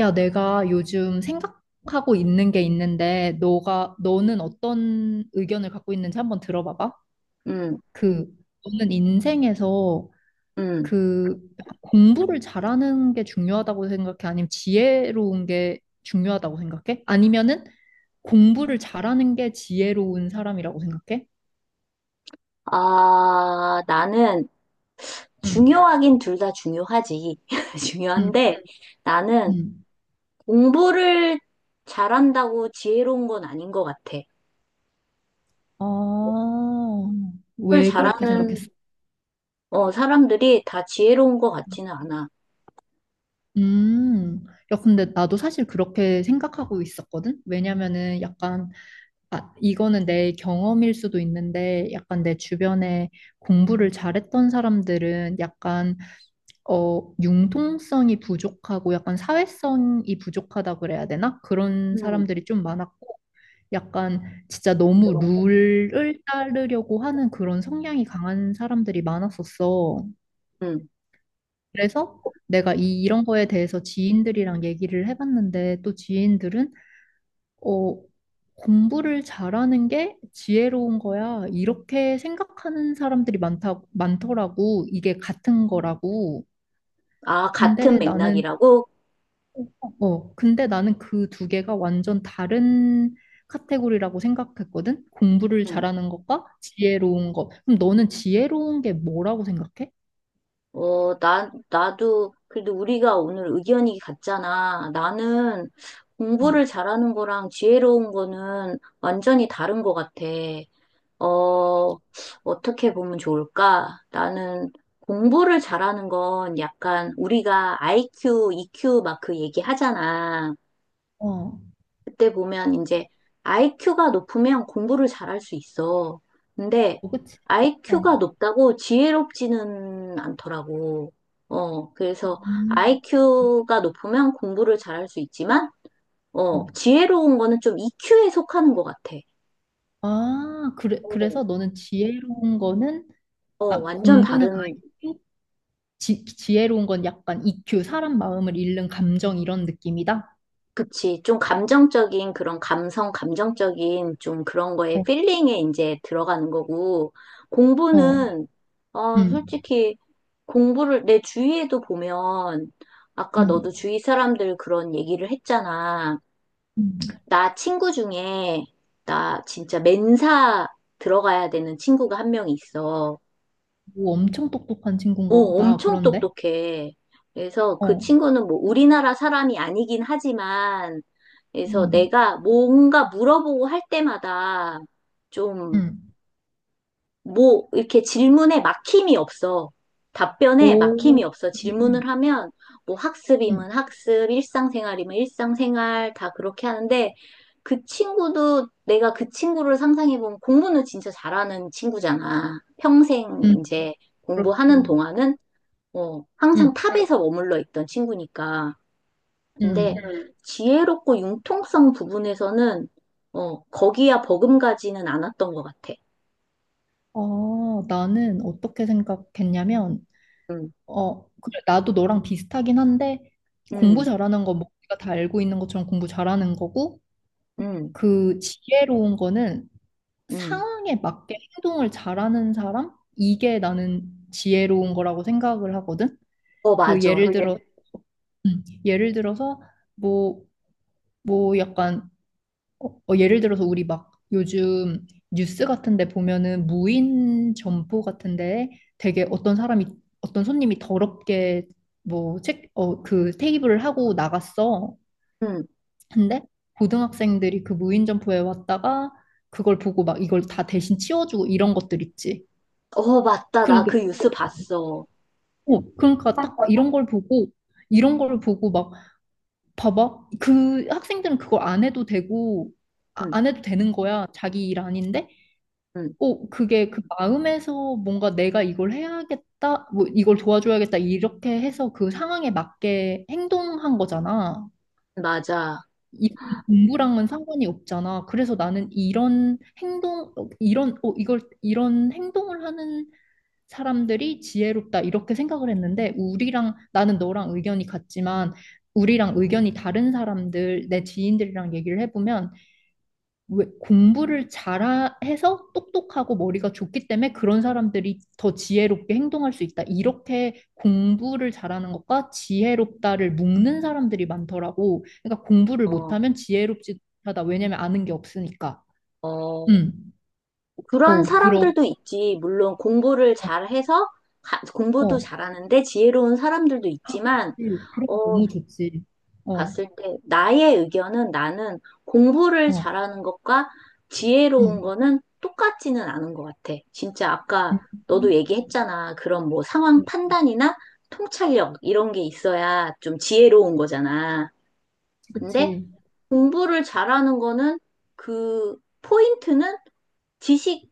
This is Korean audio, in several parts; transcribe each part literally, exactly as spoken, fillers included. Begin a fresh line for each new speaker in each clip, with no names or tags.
야, 내가 요즘 생각하고 있는 게 있는데, 너가, 너는 어떤 의견을 갖고 있는지 한번 들어봐봐.
음,
그, 너는 인생에서
음.
그 공부를 잘하는 게 중요하다고 생각해? 아니면 지혜로운 게 중요하다고 생각해? 아니면은 공부를 잘하는 게 지혜로운 사람이라고 생각해?
아, 나는
응,
중요하긴 둘 다 중요하지.
응,
중요한데 음. 나는
응.
공부를 잘한다고 지혜로운 건 아닌 것 같아.
아,
공부를 음,
왜 그렇게 생각했어?
잘하는 어, 사람들이 다 지혜로운 것 같지는 않아.
음, 야, 근데 나도 사실 그렇게 생각하고 있었거든? 왜냐면은 약간, 아, 이거는 내 경험일 수도 있는데, 약간 내 주변에 공부를 잘했던 사람들은 약간, 어, 융통성이 부족하고 약간 사회성이 부족하다 그래야 되나? 그런
음,
사람들이 좀 많았고, 약간 진짜 너무 룰을 따르려고 하는 그런 성향이 강한 사람들이 많았었어.
음.
그래서 내가 이, 이런 거에 대해서 지인들이랑 얘기를 해봤는데 또 지인들은 어, 공부를 잘하는 게 지혜로운 거야. 이렇게 생각하는 사람들이 많다, 많더라고. 이게 같은 거라고.
아, 같은
근데 나는,
맥락이라고?
어, 근데 나는 그 두 개가 완전 다른 카테고리라고 생각했거든. 공부를
음.
잘하는 것과 지혜로운 것. 그럼 너는 지혜로운 게 뭐라고 생각해?
어, 나, 나도 그래도 우리가 오늘 의견이 같잖아. 나는
음.
공부를 잘하는 거랑 지혜로운 거는 완전히 다른 것 같아. 어, 어떻게 보면 좋을까? 나는 공부를 잘하는 건 약간 우리가 아이큐, 이큐 막 그 얘기 하잖아.
어,
그때 보면 이제 아이큐가 높으면 공부를 잘할 수 있어. 근데
어, 그치? 어.
아이큐가 높다고 지혜롭지는 않더라고. 어, 그래서
음.
아이큐가 높으면 공부를 잘할 수 있지만, 어,
어.
지혜로운 거는 좀 이큐에 속하는 것 같아.
아, 그래,
어,
그래서 너는 지혜로운 거는,
어,
아,
완전
공부는
다른
아이큐 지, 지혜로운 건 약간 이큐, 사람 마음을 읽는 감정 이런 느낌이다?
그치. 좀 감정적인 그런 감성, 감정적인 좀 그런 거에
어,
필링에 이제 들어가는 거고,
어,
공부는, 어,
음,
솔직히 공부를 내 주위에도 보면, 아까 너도
음,
주위 사람들 그런 얘기를 했잖아.
음.
나 친구 중에, 나 진짜 맨사 들어가야 되는 친구가 한 명 있어.
오, 엄청 똑똑한
어,
친구인가 보다,
엄청
그런데?
똑똑해. 그래서 그
어,
친구는 뭐 우리나라 사람이 아니긴 하지만, 그래서
음,
내가 뭔가 물어보고 할 때마다 좀,
음.
뭐, 이렇게 질문에 막힘이 없어. 답변에
오,
막힘이 없어.
음,
질문을
음,
하면, 뭐
음,
학습이면 학습, 일상생활이면 일상생활, 다 그렇게 하는데, 그 친구도 내가 그 친구를 상상해보면 공부는 진짜 잘하는 친구잖아. 평생
음,
이제
그렇지.
공부하는 동안은. 어, 항상 응,
음,
탑에서 머물러 있던 친구니까. 근데
음.
응. 지혜롭고 융통성 부분에서는, 어, 거기야 버금가지는 않았던 것 같아.
아, 나는 어떻게 생각했냐면,
음,
어, 그래, 나도 너랑 비슷하긴 한데, 공부
음,
잘하는 건 뭐, 우리가 다 알고 있는 것처럼 공부 잘하는 거고,
음,
그 지혜로운 거는
음.
상황에 맞게 행동을 잘하는 사람? 이게 나는 지혜로운 거라고 생각을 하거든?
어,
그
맞아.
예를
그리고 얘,
들어, 음, 예를 들어서, 뭐, 뭐 약간 어, 어, 예를 들어서 우리 막 요즘 뉴스 같은데 보면은 무인 점포 같은데 되게 어떤 사람이 어떤 손님이 더럽게 뭐 책, 어, 그 테이블을 하고 나갔어.
음,
근데 고등학생들이 그 무인 점포에 왔다가 그걸 보고 막 이걸 다 대신 치워주고 이런 것들 있지.
어, 맞다. 나
그러니까,
그 뉴스 봤어.
어, 그러니까 딱 이런 걸 보고 이런 걸 보고 막 봐봐. 그 학생들은 그걸 안 해도 되고 아-
음,
안 해도 되는 거야. 자기 일 아닌데.
음,
어, 그게 그 마음에서 뭔가 내가 이걸 해야겠다, 뭐 이걸 도와줘야겠다, 이렇게 해서 그 상황에 맞게 행동한 거잖아.
맞아.
이 공부랑은 상관이 없잖아. 그래서 나는 이런 행동, 어, 이런, 어, 이걸, 이런 행동을 하는 사람들이 지혜롭다, 이렇게 생각을 했는데, 우리랑, 나는 너랑 의견이 같지만, 우리랑 의견이 다른 사람들, 내 지인들이랑 얘기를 해보면, 왜 공부를 잘해서 똑똑하고 머리가 좋기 때문에 그런 사람들이 더 지혜롭게 행동할 수 있다. 이렇게 공부를 잘하는 것과 지혜롭다를 묶는 사람들이 많더라고. 그러니까 공부를
어,
못하면 지혜롭지 하다. 왜냐면 아는 게 없으니까.
어,
음.
그런
어, 그러
사람들도 있지. 물론 공부를
어,
잘해서 가- 공부도
어.
잘하는데 지혜로운 사람들도
아,
있지만,
그치. 그럼
어,
너무 좋지. 어,
봤을 때 나의 의견은 나는 공부를
어.
잘하는 것과 지혜로운
음.
거는 똑같지는 않은 것 같아. 진짜 아까
음.
너도
음.
얘기했잖아. 그런 뭐 상황
어,
판단이나 통찰력 이런 게 있어야 좀 지혜로운 거잖아.
그치,
근데
그치.
공부를 잘하는 거는 그 포인트는 지식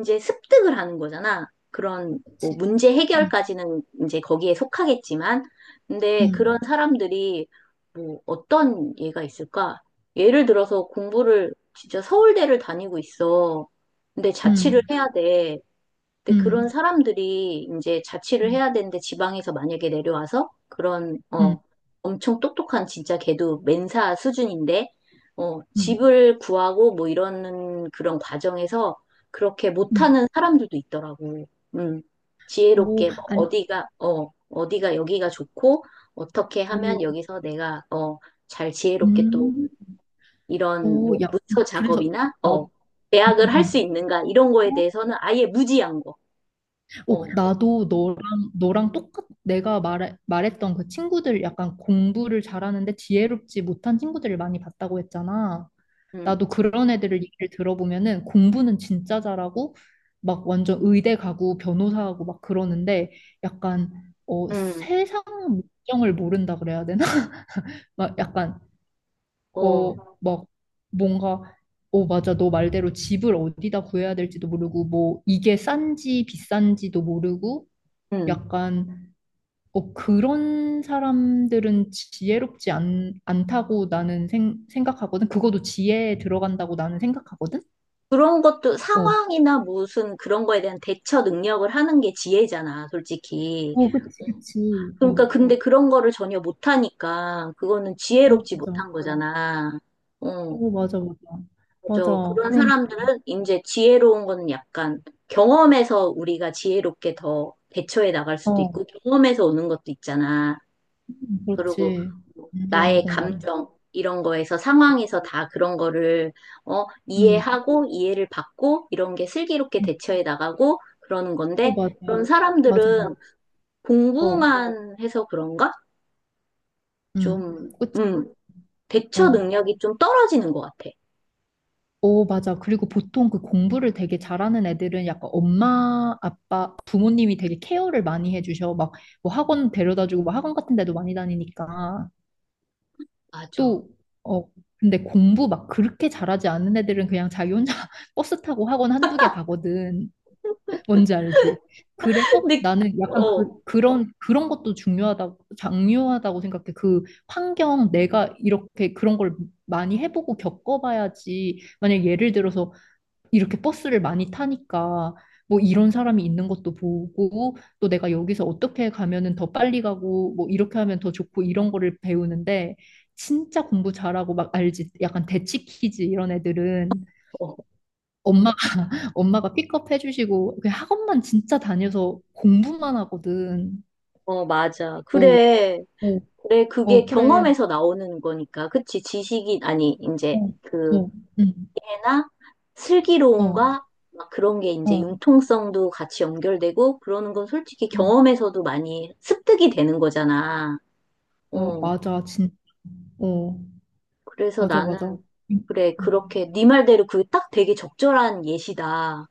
이제 습득을 하는 거잖아. 그런 뭐
그치.
문제
음.
해결까지는 이제 거기에 속하겠지만, 근데 그런
음.
사람들이 뭐 어떤 예가 있을까? 예를 들어서 공부를 진짜 서울대를 다니고 있어. 근데 자취를
음.
해야 돼. 근데 그런
음.
사람들이 이제 자취를 해야 되는데 지방에서 만약에 내려와서 그런,
음.
어, 엄청 똑똑한 진짜 걔도 멘사 수준인데, 어,
음.
집을 구하고 뭐 이러는 그런 과정에서 그렇게
음.
못하는 사람들도 있더라고. 음,
오,
지혜롭게 뭐
아니,
어디가, 어, 어디가 여기가 좋고, 어떻게
오,
하면 여기서 내가, 어, 잘 지혜롭게 또
음,
이런
오,
뭐
야,
문서
그래서,
작업이나,
나,
어,
음,
계약을 할 수
음.
있는가 이런
음.
거에
어?
대해서는 아예 무지한 거.
오,
어.
나도 너랑, 너랑 똑같, 내가 말, 말했던 그 친구들 약간 공부를 잘하는데 지혜롭지 못한 친구들을 많이 봤다고 했잖아.
음,
나도 그런 애들을 얘기를 들어보면은 공부는 진짜 잘하고, 막 완전 의대 가고 변호사하고 막 그러는데 약간, 어,
음,
세상 물정을 모른다 그래야 되나? 막 약간 어,
어,
막 뭔가 어, 맞아. 너 말대로 집을 어디다 구해야 될지도 모르고 뭐 이게 싼지 비싼지도 모르고
음.
약간 어, 그런 사람들은 지혜롭지 않, 않다고 나는 생, 생각하거든. 그것도 지혜에 들어간다고 나는 생각하거든.
그런 것도
어.
상황이나 무슨 그런 거에 대한 대처 능력을 하는 게 지혜잖아, 솔직히.
어, 그치, 그치.
그러니까
어.
근데 음, 그런 거를 전혀 못하니까 그거는
어,
지혜롭지
맞아.
못한 음, 거잖아. 어,
어, 맞아, 맞아. 맞아.
맞아. 그런
그러니까.
사람들은 이제 지혜로운 거는 약간 경험에서 우리가 지혜롭게 더 대처해 나갈 수도
어.
있고 경험에서 오는 것도 있잖아.
음,
그리고
그렇지.
뭐
완전
나의
공감해.
감정 이런 거에서 상황에서 다 그런 거를 어,
응.
이해하고 이해를 받고 이런 게 슬기롭게
응.
대처해 나가고 그러는
어,
건데
맞아.
그런
맞아, 맞아.
사람들은
어.
공부만 해서 그런가?
음,
좀,
그치.
음, 대처
어.
능력이 좀 떨어지는 것 같아.
어, 맞아. 그리고 보통 그 공부를 되게 잘하는 애들은 약간 엄마, 아빠, 부모님이 되게 케어를 많이 해주셔. 막, 뭐 학원 데려다주고, 뭐 학원 같은 데도 많이 다니니까.
맞아.
또, 어, 근데 공부 막 그렇게 잘하지 않는 애들은 그냥 자기 혼자 버스 타고 학원 한두 개 가거든. 뭔지 알지? 그래서
근데,
나는 약간
어,
그, 그런, 그런 것도 중요하다고, 중요하다고 생각해. 그 환경, 내가 이렇게 그런 걸 많이 해보고 겪어봐야지. 만약 예를 들어서 이렇게 버스를 많이 타니까 뭐 이런 사람이 있는 것도 보고 또 내가 여기서 어떻게 가면은 더 빨리 가고 뭐 이렇게 하면 더 좋고 이런 거를 배우는데 진짜 공부 잘하고 막 알지? 약간 대치 키즈 이런 애들은
어,
엄마가 엄마가 픽업해 주시고 그냥 학원만 진짜 다녀서 공부만 하거든.
어, 맞아.
어,
그래.
어,
그래, 그게
어, 그래.
경험에서 나오는 거니까. 그치, 지식이, 아니, 이제,
어,
그,
어, 응,
나
어,
슬기로움과 막 그런 게 이제
어,
융통성도 같이 연결되고 그러는 건 솔직히
어,
경험에서도 많이 습득이 되는 거잖아.
어,
어,
맞아, 진, 어,
그래서
맞아,
나는
맞아. 응,
그래 그렇게
응.
네 말대로 그게 딱 되게 적절한 예시다.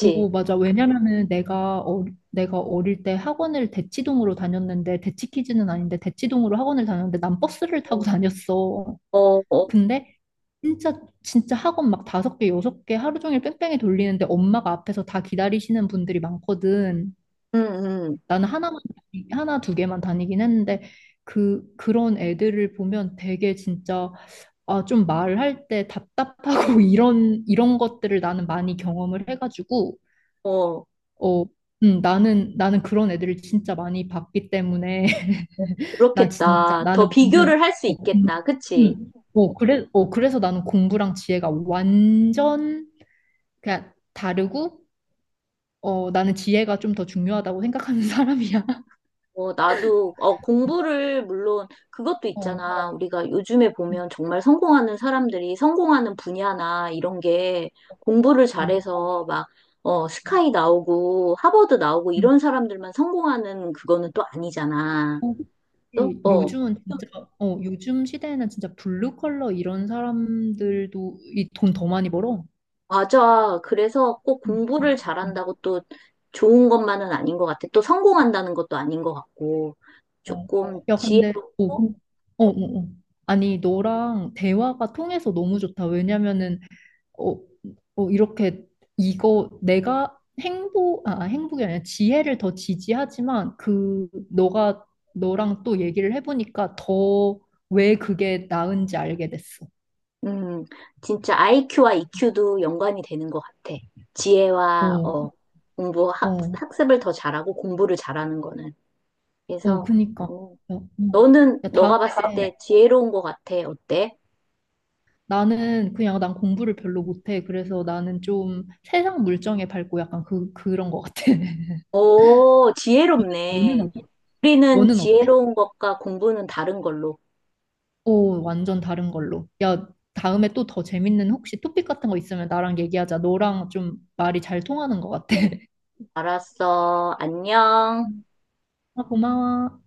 오, 맞아. 왜냐면은 내가 어, 내가 어릴 때 학원을 대치동으로 다녔는데 대치키즈는 아닌데 대치동으로 학원을 다녔는데 난 버스를 타고
어,
다녔어.
어, 어,
근데 진짜 진짜 학원 막 다섯 개, 여섯 개 하루 종일 뺑뺑이 돌리는데 엄마가 앞에서 다 기다리시는 분들이 많거든.
음, 음,
나는 하나만 다니- 하나 두 개만 다니긴 했는데 그 그런 애들을 보면 되게 진짜 아, 좀 말할 때 답답하고 이런 이런 것들을 나는 많이 경험을 해가지고
어,
어, 음, 나는 나는 그런 애들을 진짜 많이 봤기 때문에 나 진짜
그렇겠다. 더
나는 완전
비교를 할 수
어, 공-
있겠다. 그치?
음. 어, 그래 어 그래서 나는 공부랑 지혜가 완전 그냥 다르고 어 나는 지혜가 좀 더 중요하다고 생각하는 사람이야.
어, 나도, 어, 공부를, 물론, 그것도
어.
있잖아. 우리가 요즘에
음,
보면 정말 성공하는 사람들이 성공하는 분야나 이런 게 공부를
어.
잘해서 막, 어, 스카이 나오고, 하버드 나오고,
음.
이런 사람들만 성공하는 그거는 또 아니잖아.
어,
또,
그치.
어,
요즘은 진짜 어 요즘 시대에는 진짜 블루 컬러 이런 사람들도 이 돈 더 많이 벌어.
맞아. 그래서 꼭
음, 음,
공부를
음,
잘한다고 또 좋은 것만은 아닌 것 같아. 또 성공한다는 것도 아닌 것 같고,
어.
조금
야 근데 어,
지혜롭고,
그- 어, 어, 어. 아니 너랑 대화가 통해서 너무 좋다. 왜냐면은 어, 어, 이렇게 이거 내가 행복, 아, 행복이 아니라 지혜를 더 지지하지만 그 너가 너랑 또 얘기를 해보니까 더 왜 그게 나은지 알게 됐어.
음, 진짜 아이큐와 이큐도 연관이 되는 것 같아. 지혜와
어,
어, 공부 학,
어,
학습을 더 잘하고 공부를 잘하는 거는.
어,
그래서
그니까.
어,
어. 어.
너는
야, 다음에
너가 봤을 때 지혜로운 것 같아. 어때?
나는 그냥 난 공부를 별로 못해. 그래서 나는 좀 세상 물정에 밟고 약간 그, 그런 것 같아.
오,
너는,
지혜롭네.
어-
우리는
너는 어때?
지혜로운 것과 공부는 다른 걸로.
오, 완전 다른 걸로. 야, 다음에 또 더 재밌는 혹시 토픽 같은 거 있으면 나랑 얘기하자. 너랑 좀 말이 잘 통하는 것 같아.
알았어. 안녕.
아, 고마워.